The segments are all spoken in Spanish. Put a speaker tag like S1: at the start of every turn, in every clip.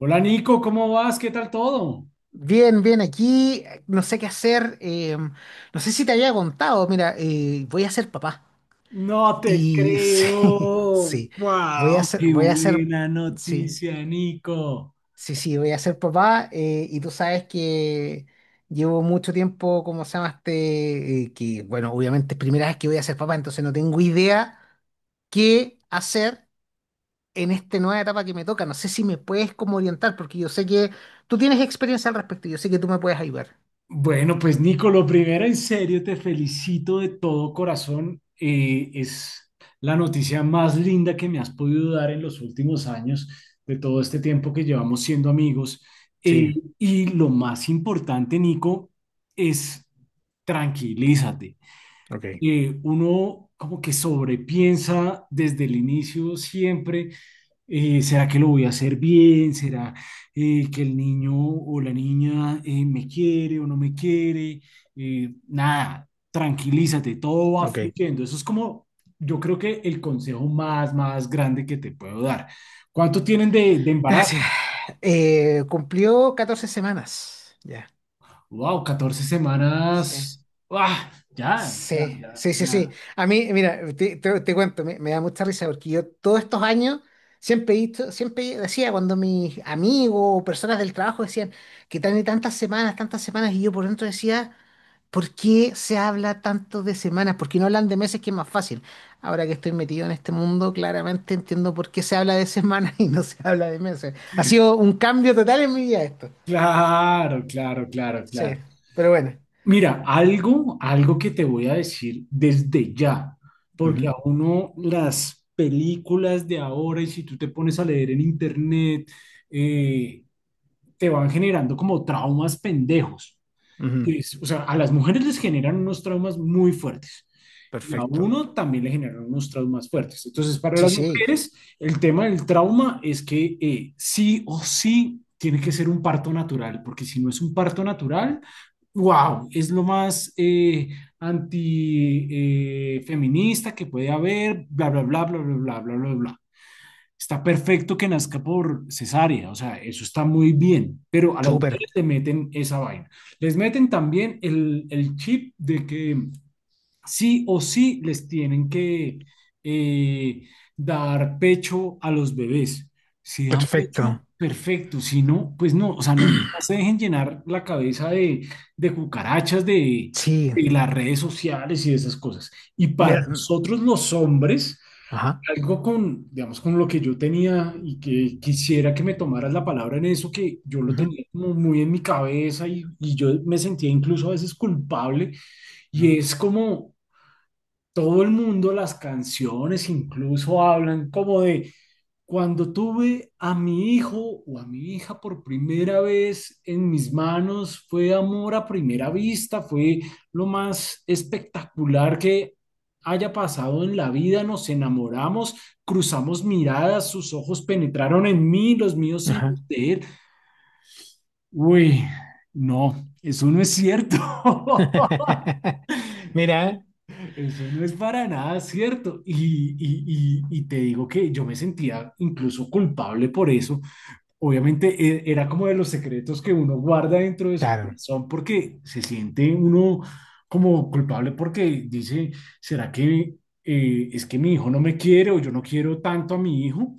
S1: Hola Nico, ¿cómo vas? ¿Qué tal todo?
S2: Bien, bien, aquí no sé qué hacer. No sé si te había contado, mira, voy a ser papá.
S1: No te
S2: Y sí,
S1: creo.
S2: sí, voy a
S1: Wow.
S2: ser,
S1: Qué
S2: voy a ser,
S1: buena
S2: sí,
S1: noticia, Nico.
S2: sí, sí, voy a ser papá. Y tú sabes que llevo mucho tiempo. ¿Cómo se llama este? Que, bueno, obviamente es primera vez que voy a ser papá, entonces no tengo idea qué hacer en esta nueva etapa que me toca. No sé si me puedes como orientar, porque yo sé que tú tienes experiencia al respecto, yo sé que tú me puedes ayudar.
S1: Bueno, pues Nico, lo primero, en serio, te felicito de todo corazón. Es la noticia más linda que me has podido dar en los últimos años, de todo este tiempo que llevamos siendo amigos.
S2: Sí,
S1: Y lo más importante, Nico, es tranquilízate.
S2: ok.
S1: Uno como que sobrepiensa desde el inicio siempre, ¿será que lo voy a hacer bien? ¿Será que el niño o la niña me quiere o no me quiere? Nada, tranquilízate, todo va
S2: Ok.
S1: fluyendo. Eso es como, yo creo que el consejo más grande que te puedo dar. ¿Cuánto tienen de embarazo?
S2: Gracias. Cumplió 14 semanas. Ya,
S1: Wow, catorce
S2: sí.
S1: semanas. ¡Ah! Ya, ya,
S2: Sí,
S1: ya.
S2: sí, sí, sí.
S1: Ya.
S2: A mí, mira, te cuento, me da mucha risa porque yo todos estos años siempre decía cuando mis amigos o personas del trabajo decían que tan y tantas semanas, y yo por dentro decía, ¿por qué se habla tanto de semanas? ¿Por qué no hablan de meses que es más fácil? Ahora que estoy metido en este mundo, claramente entiendo por qué se habla de semanas y no se habla de meses. Ha sido un cambio total en mi vida esto.
S1: Claro, claro, claro, claro.
S2: Sí, pero bueno,
S1: Mira, algo que te voy a decir desde ya,
S2: ujú,
S1: porque a uno las películas de ahora, y si tú te pones a leer en internet, eh, te van generando como traumas pendejos.
S2: ujú,
S1: O sea, a las mujeres les generan unos traumas muy fuertes y a
S2: perfecto.
S1: uno también le generan unos traumas fuertes. Entonces, para
S2: Sí,
S1: las
S2: sí,
S1: mujeres, el tema del trauma es que sí o sí tiene que ser un parto natural, porque si no es un parto natural, wow, es lo más antifeminista que puede haber, bla, bla, bla, bla, bla, bla, bla, bla, bla. Está perfecto que nazca por cesárea, o sea, eso está muy bien, pero a las
S2: súper,
S1: mujeres le meten esa vaina. Les meten también el chip de que sí o sí les tienen que eh, dar pecho a los bebés. Si dan pecho,
S2: perfecto.
S1: perfecto. Si no, pues no, o sea, no, no se dejen llenar la cabeza de, cucarachas,
S2: Sí,
S1: de las redes sociales y de esas cosas. Y para
S2: me-
S1: nosotros los hombres,
S2: ajá,
S1: algo con, digamos, con lo que yo tenía y que quisiera que me tomaras la palabra en eso, que yo lo
S2: ujú,
S1: tenía como muy en mi cabeza y yo me sentía incluso a veces culpable
S2: ujú,
S1: y es como todo el mundo, las canciones incluso hablan como de cuando tuve a mi hijo o a mi hija por primera vez en mis manos, fue amor a primera vista, fue lo más espectacular que haya pasado en la vida, nos enamoramos, cruzamos miradas, sus ojos penetraron en mí, los míos en
S2: ajá.
S1: usted. Uy, no, eso no es cierto.
S2: Mira,
S1: Eso no es para nada cierto. Y te digo que yo me sentía incluso culpable por eso. Obviamente era como de los secretos que uno guarda dentro de su
S2: claro,
S1: corazón porque se siente uno como culpable porque dice, ¿será que es que mi hijo no me quiere o yo no quiero tanto a mi hijo?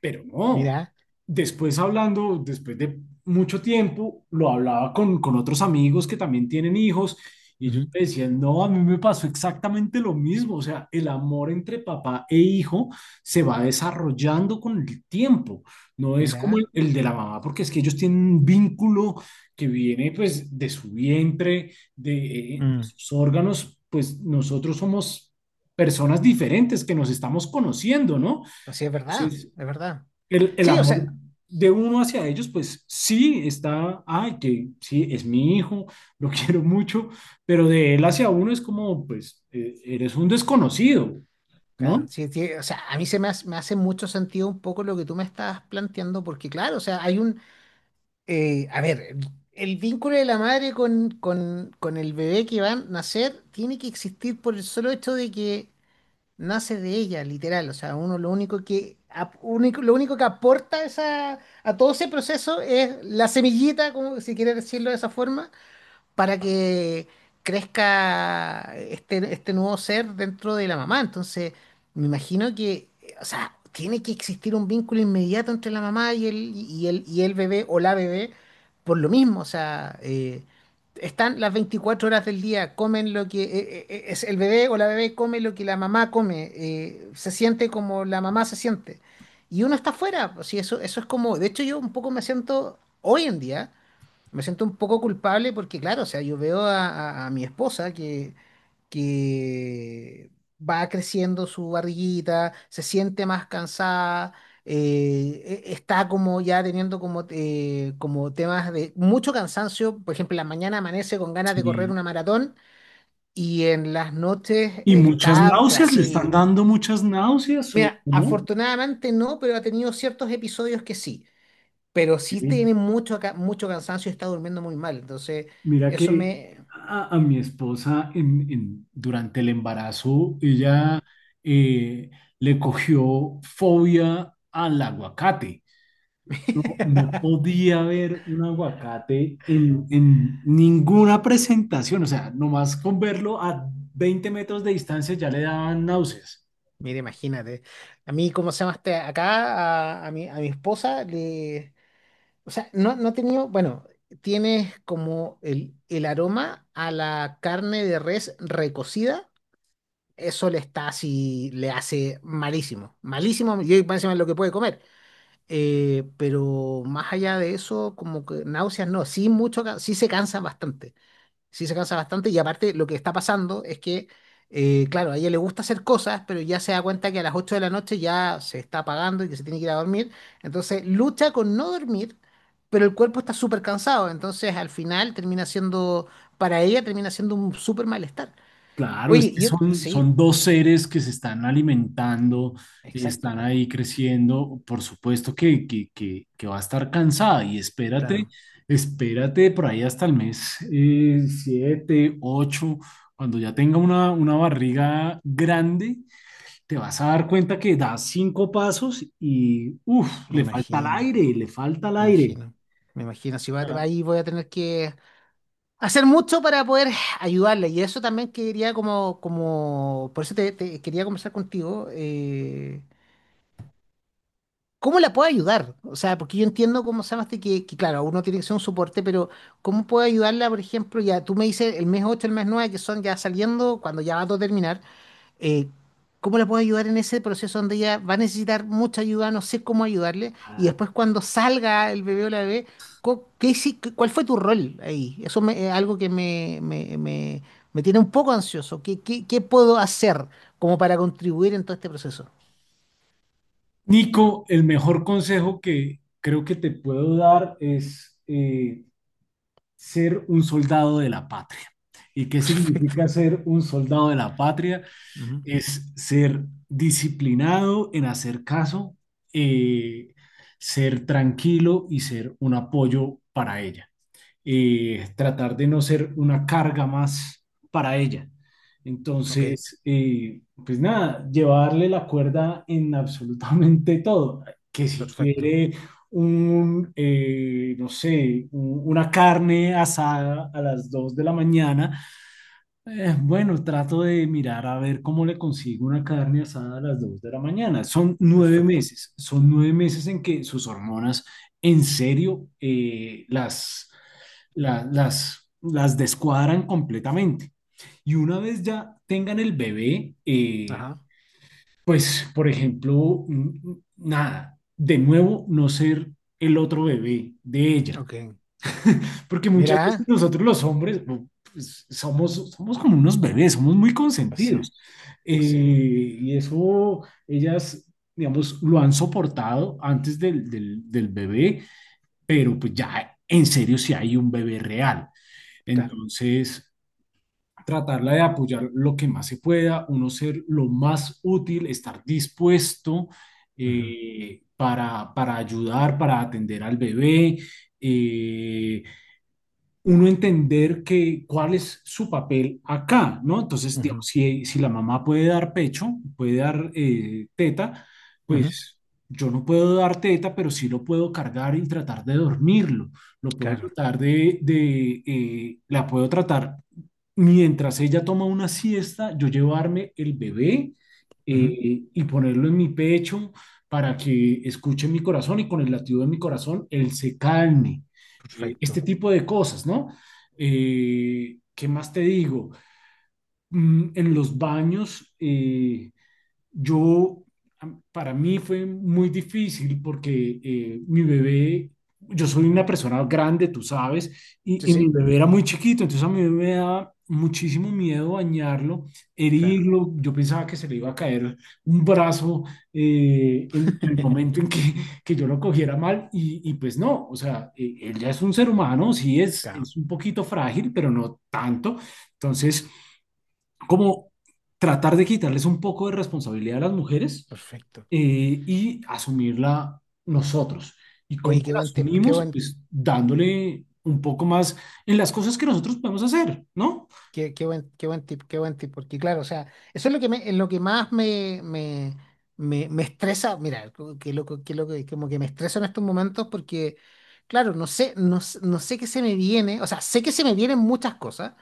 S1: Pero no,
S2: mira,
S1: después hablando, después de mucho tiempo, lo hablaba con otros amigos que también tienen hijos y
S2: ujú,
S1: ellos me decían, no, a mí me pasó exactamente lo mismo, o sea, el amor entre papá e hijo se va desarrollando con el tiempo, no es como el,
S2: mira,
S1: el de la mamá, porque es que ellos tienen un vínculo que viene pues de su vientre, de
S2: mm,
S1: sus órganos, pues nosotros somos personas diferentes que nos estamos conociendo, ¿no?
S2: pues sí, es verdad,
S1: Entonces,
S2: es verdad.
S1: el
S2: Sí, o
S1: amor
S2: sea,
S1: de uno hacia ellos, pues sí está, ay, que sí, es mi hijo, lo quiero mucho, pero de él hacia uno es como, pues, eres un desconocido,
S2: claro,
S1: ¿no?
S2: sí, sí, o sea, a mí se me hace mucho sentido un poco lo que tú me estás planteando, porque claro, o sea, a ver, el vínculo de la madre con el bebé que va a nacer tiene que existir por el solo hecho de que nace de ella, literal. O sea, uno lo único que, ap- único, lo único que aporta esa, a todo ese proceso es la semillita, como si quiere decirlo de esa forma, para que crezca este, este nuevo ser dentro de la mamá. Entonces, me imagino que, o sea, tiene que existir un vínculo inmediato entre la mamá y y el bebé o la bebé por lo mismo. O sea, están las 24 horas del día, comen lo que es el bebé o la bebé come lo que la mamá come, se siente como la mamá se siente. Y uno está afuera, pues, sí, eso es como, de hecho yo un poco me siento hoy en día. Me siento un poco culpable porque, claro, o sea, yo veo a, a mi esposa que va creciendo su barriguita, se siente más cansada, está como ya teniendo como, como temas de mucho cansancio. Por ejemplo, en la mañana amanece con ganas de correr
S1: Sí.
S2: una maratón y en las noches
S1: Y muchas
S2: está pues,
S1: náuseas, le
S2: así.
S1: están dando muchas náuseas, ¿o
S2: Mira,
S1: no?
S2: afortunadamente no, pero ha tenido ciertos episodios que sí, pero sí
S1: Sí.
S2: tiene mucho, mucho cansancio y está durmiendo muy mal. Entonces,
S1: Mira
S2: eso
S1: que
S2: me...
S1: a mi esposa durante el embarazo,
S2: Ujú.
S1: ella eh, le cogió fobia al aguacate. No, no podía ver un aguacate en ninguna presentación, o sea, nomás con verlo a 20 metros de distancia ya le daban náuseas.
S2: Mira, imagínate. A mí, ¿cómo se llama este? Acá, a, a mi esposa, le... O sea, no, no ha tenido... Bueno, tiene como el aroma a la carne de res recocida. Eso le está así, le hace malísimo. Malísimo, yo por encima es lo que puede comer. Pero más allá de eso, como que náuseas no, sí mucho, sí se cansan bastante. Sí se cansa bastante y aparte lo que está pasando es que, claro, a ella le gusta hacer cosas, pero ya se da cuenta que a las 8 de la noche ya se está apagando y que se tiene que ir a dormir. Entonces lucha con no dormir, pero el cuerpo está súper cansado. Entonces al final termina siendo, para ella termina siendo un súper malestar.
S1: Claro, es
S2: Oye,
S1: que
S2: yo,
S1: son,
S2: sí,
S1: son dos seres que se están alimentando,
S2: exacto.
S1: están ahí creciendo, por supuesto que va a estar cansada y espérate,
S2: Claro,
S1: por ahí hasta el mes 7, 8, cuando ya tenga una barriga grande te vas a dar cuenta que das cinco pasos y, uff,
S2: me
S1: le falta el
S2: imagino,
S1: aire, le falta el
S2: me
S1: aire.
S2: imagino, me imagino. Si va-
S1: Ah.
S2: Ahí voy a tener que hacer mucho para poder ayudarle. Y eso también quería como, como, por eso te quería conversar contigo, ¿cómo la puedo ayudar? O sea, porque yo entiendo cómo se llama este que, claro, uno tiene que ser un soporte, pero ¿cómo puedo ayudarla, por ejemplo? Ya tú me dices el mes 8, el mes 9 que son ya saliendo, cuando ya va a todo terminar, eh, ¿cómo la puedo ayudar en ese proceso donde ella va a necesitar mucha ayuda? No sé cómo ayudarle. Y
S1: Ah.
S2: después cuando salga el bebé o la bebé, ¿Qué, cuál fue tu rol ahí? Es algo que me tiene un poco ansioso. ¿Qué, qué, qué puedo hacer como para contribuir en todo este proceso?
S1: Nico, el mejor consejo que creo que te puedo dar es ser un soldado de la patria. ¿Y qué
S2: Perfecto.
S1: significa ser un soldado de la patria?
S2: Ujú.
S1: Es ser disciplinado en hacer caso, eh, ser tranquilo y ser un apoyo para ella. Tratar de no ser una carga más para ella.
S2: Ok,
S1: Entonces, pues nada, llevarle la cuerda en absolutamente todo, que si
S2: perfecto,
S1: quiere no sé, una carne asada a las 2 de la mañana, bueno, trato de mirar a ver cómo le consigo una carne asada a las 2 de la mañana. Son nueve
S2: perfecto.
S1: meses, son 9 meses en que sus hormonas en serio las descuadran completamente. Y una vez ya tengan el bebé,
S2: Ajá,
S1: pues, por ejemplo, nada, de nuevo no ser el otro bebé de ella.
S2: ok.
S1: Porque muchas veces
S2: Mira,
S1: nosotros los hombres no, pues, somos como unos bebés, somos muy
S2: pues sí,
S1: consentidos. Eh,
S2: pues sí,
S1: y eso ellas, digamos, lo han soportado antes del bebé, pero pues ya en serio si hay un bebé real.
S2: claro.
S1: Entonces, tratarla de apoyar lo que más se pueda, uno ser lo más útil, estar dispuesto
S2: Ujú,
S1: para ayudar, para atender al bebé. eh, Uno entender que, cuál es su papel acá, ¿no? Entonces,
S2: ujú,
S1: digamos, si la mamá puede dar pecho, puede dar teta,
S2: ujú,
S1: pues yo no puedo dar teta, pero sí lo puedo cargar y tratar de dormirlo. Lo puedo
S2: claro,
S1: tratar de la puedo tratar mientras ella toma una siesta, yo llevarme el bebé
S2: ujú,
S1: y ponerlo en mi pecho para que escuche mi corazón y con el latido de mi corazón él se calme, este
S2: perfecto.
S1: tipo de cosas, ¿no? ¿Qué más te digo? En los baños, yo, para mí fue muy difícil porque mi bebé, yo soy una
S2: Ujú.
S1: persona grande, tú sabes,
S2: Sí,
S1: y mi
S2: sí,
S1: bebé era muy chiquito, entonces a mi bebé me daba muchísimo miedo bañarlo,
S2: claro.
S1: herirlo, yo pensaba que se le iba a caer un brazo en, el momento en que yo lo cogiera mal y pues no, o sea, él ya es un ser humano, sí
S2: Claro,
S1: es un poquito frágil, pero no tanto, entonces como tratar de quitarles un poco de responsabilidad a las mujeres
S2: perfecto.
S1: y asumirla nosotros. ¿Y cómo
S2: Oye,
S1: la asumimos? Pues dándole un poco más en las cosas que nosotros podemos hacer, ¿no?
S2: qué buen tip, porque claro, o sea, eso es lo que me, lo que más me, me, me, me estresa, mira, qué loco, como que me estreso en estos momentos porque, claro, no sé, no, no sé qué se me viene, o sea, sé que se me vienen muchas cosas.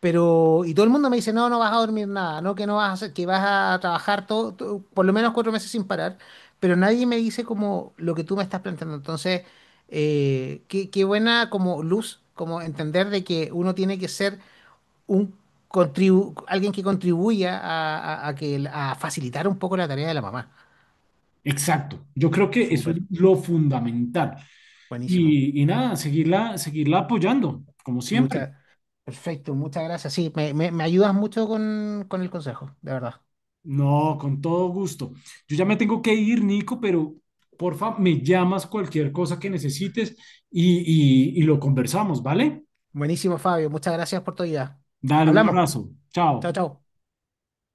S2: Pero, y todo el mundo me dice, no, no vas a dormir nada, no, que no vas a hacer, que vas a trabajar todo, por lo menos 4 meses sin parar, pero nadie me dice como lo que tú me estás planteando. Entonces, qué, qué buena como luz, como entender de que uno tiene que ser un alguien que contribuya a, a que, a facilitar un poco la tarea de la mamá.
S1: Exacto. Yo creo que eso es
S2: Súper,
S1: lo fundamental.
S2: buenísimo.
S1: Y nada, seguirla, seguirla apoyando, como siempre.
S2: Muchas, perfecto, muchas gracias. Sí, me, me ayudas mucho con el consejo, de verdad.
S1: No, con todo gusto. Yo ya me tengo que ir, Nico, pero porfa, me llamas cualquier cosa que necesites y lo conversamos, ¿vale?
S2: Buenísimo, Fabio. Muchas gracias por tu ayuda.
S1: Dale, un
S2: Hablamos.
S1: abrazo.
S2: Chao,
S1: Chao.
S2: chao.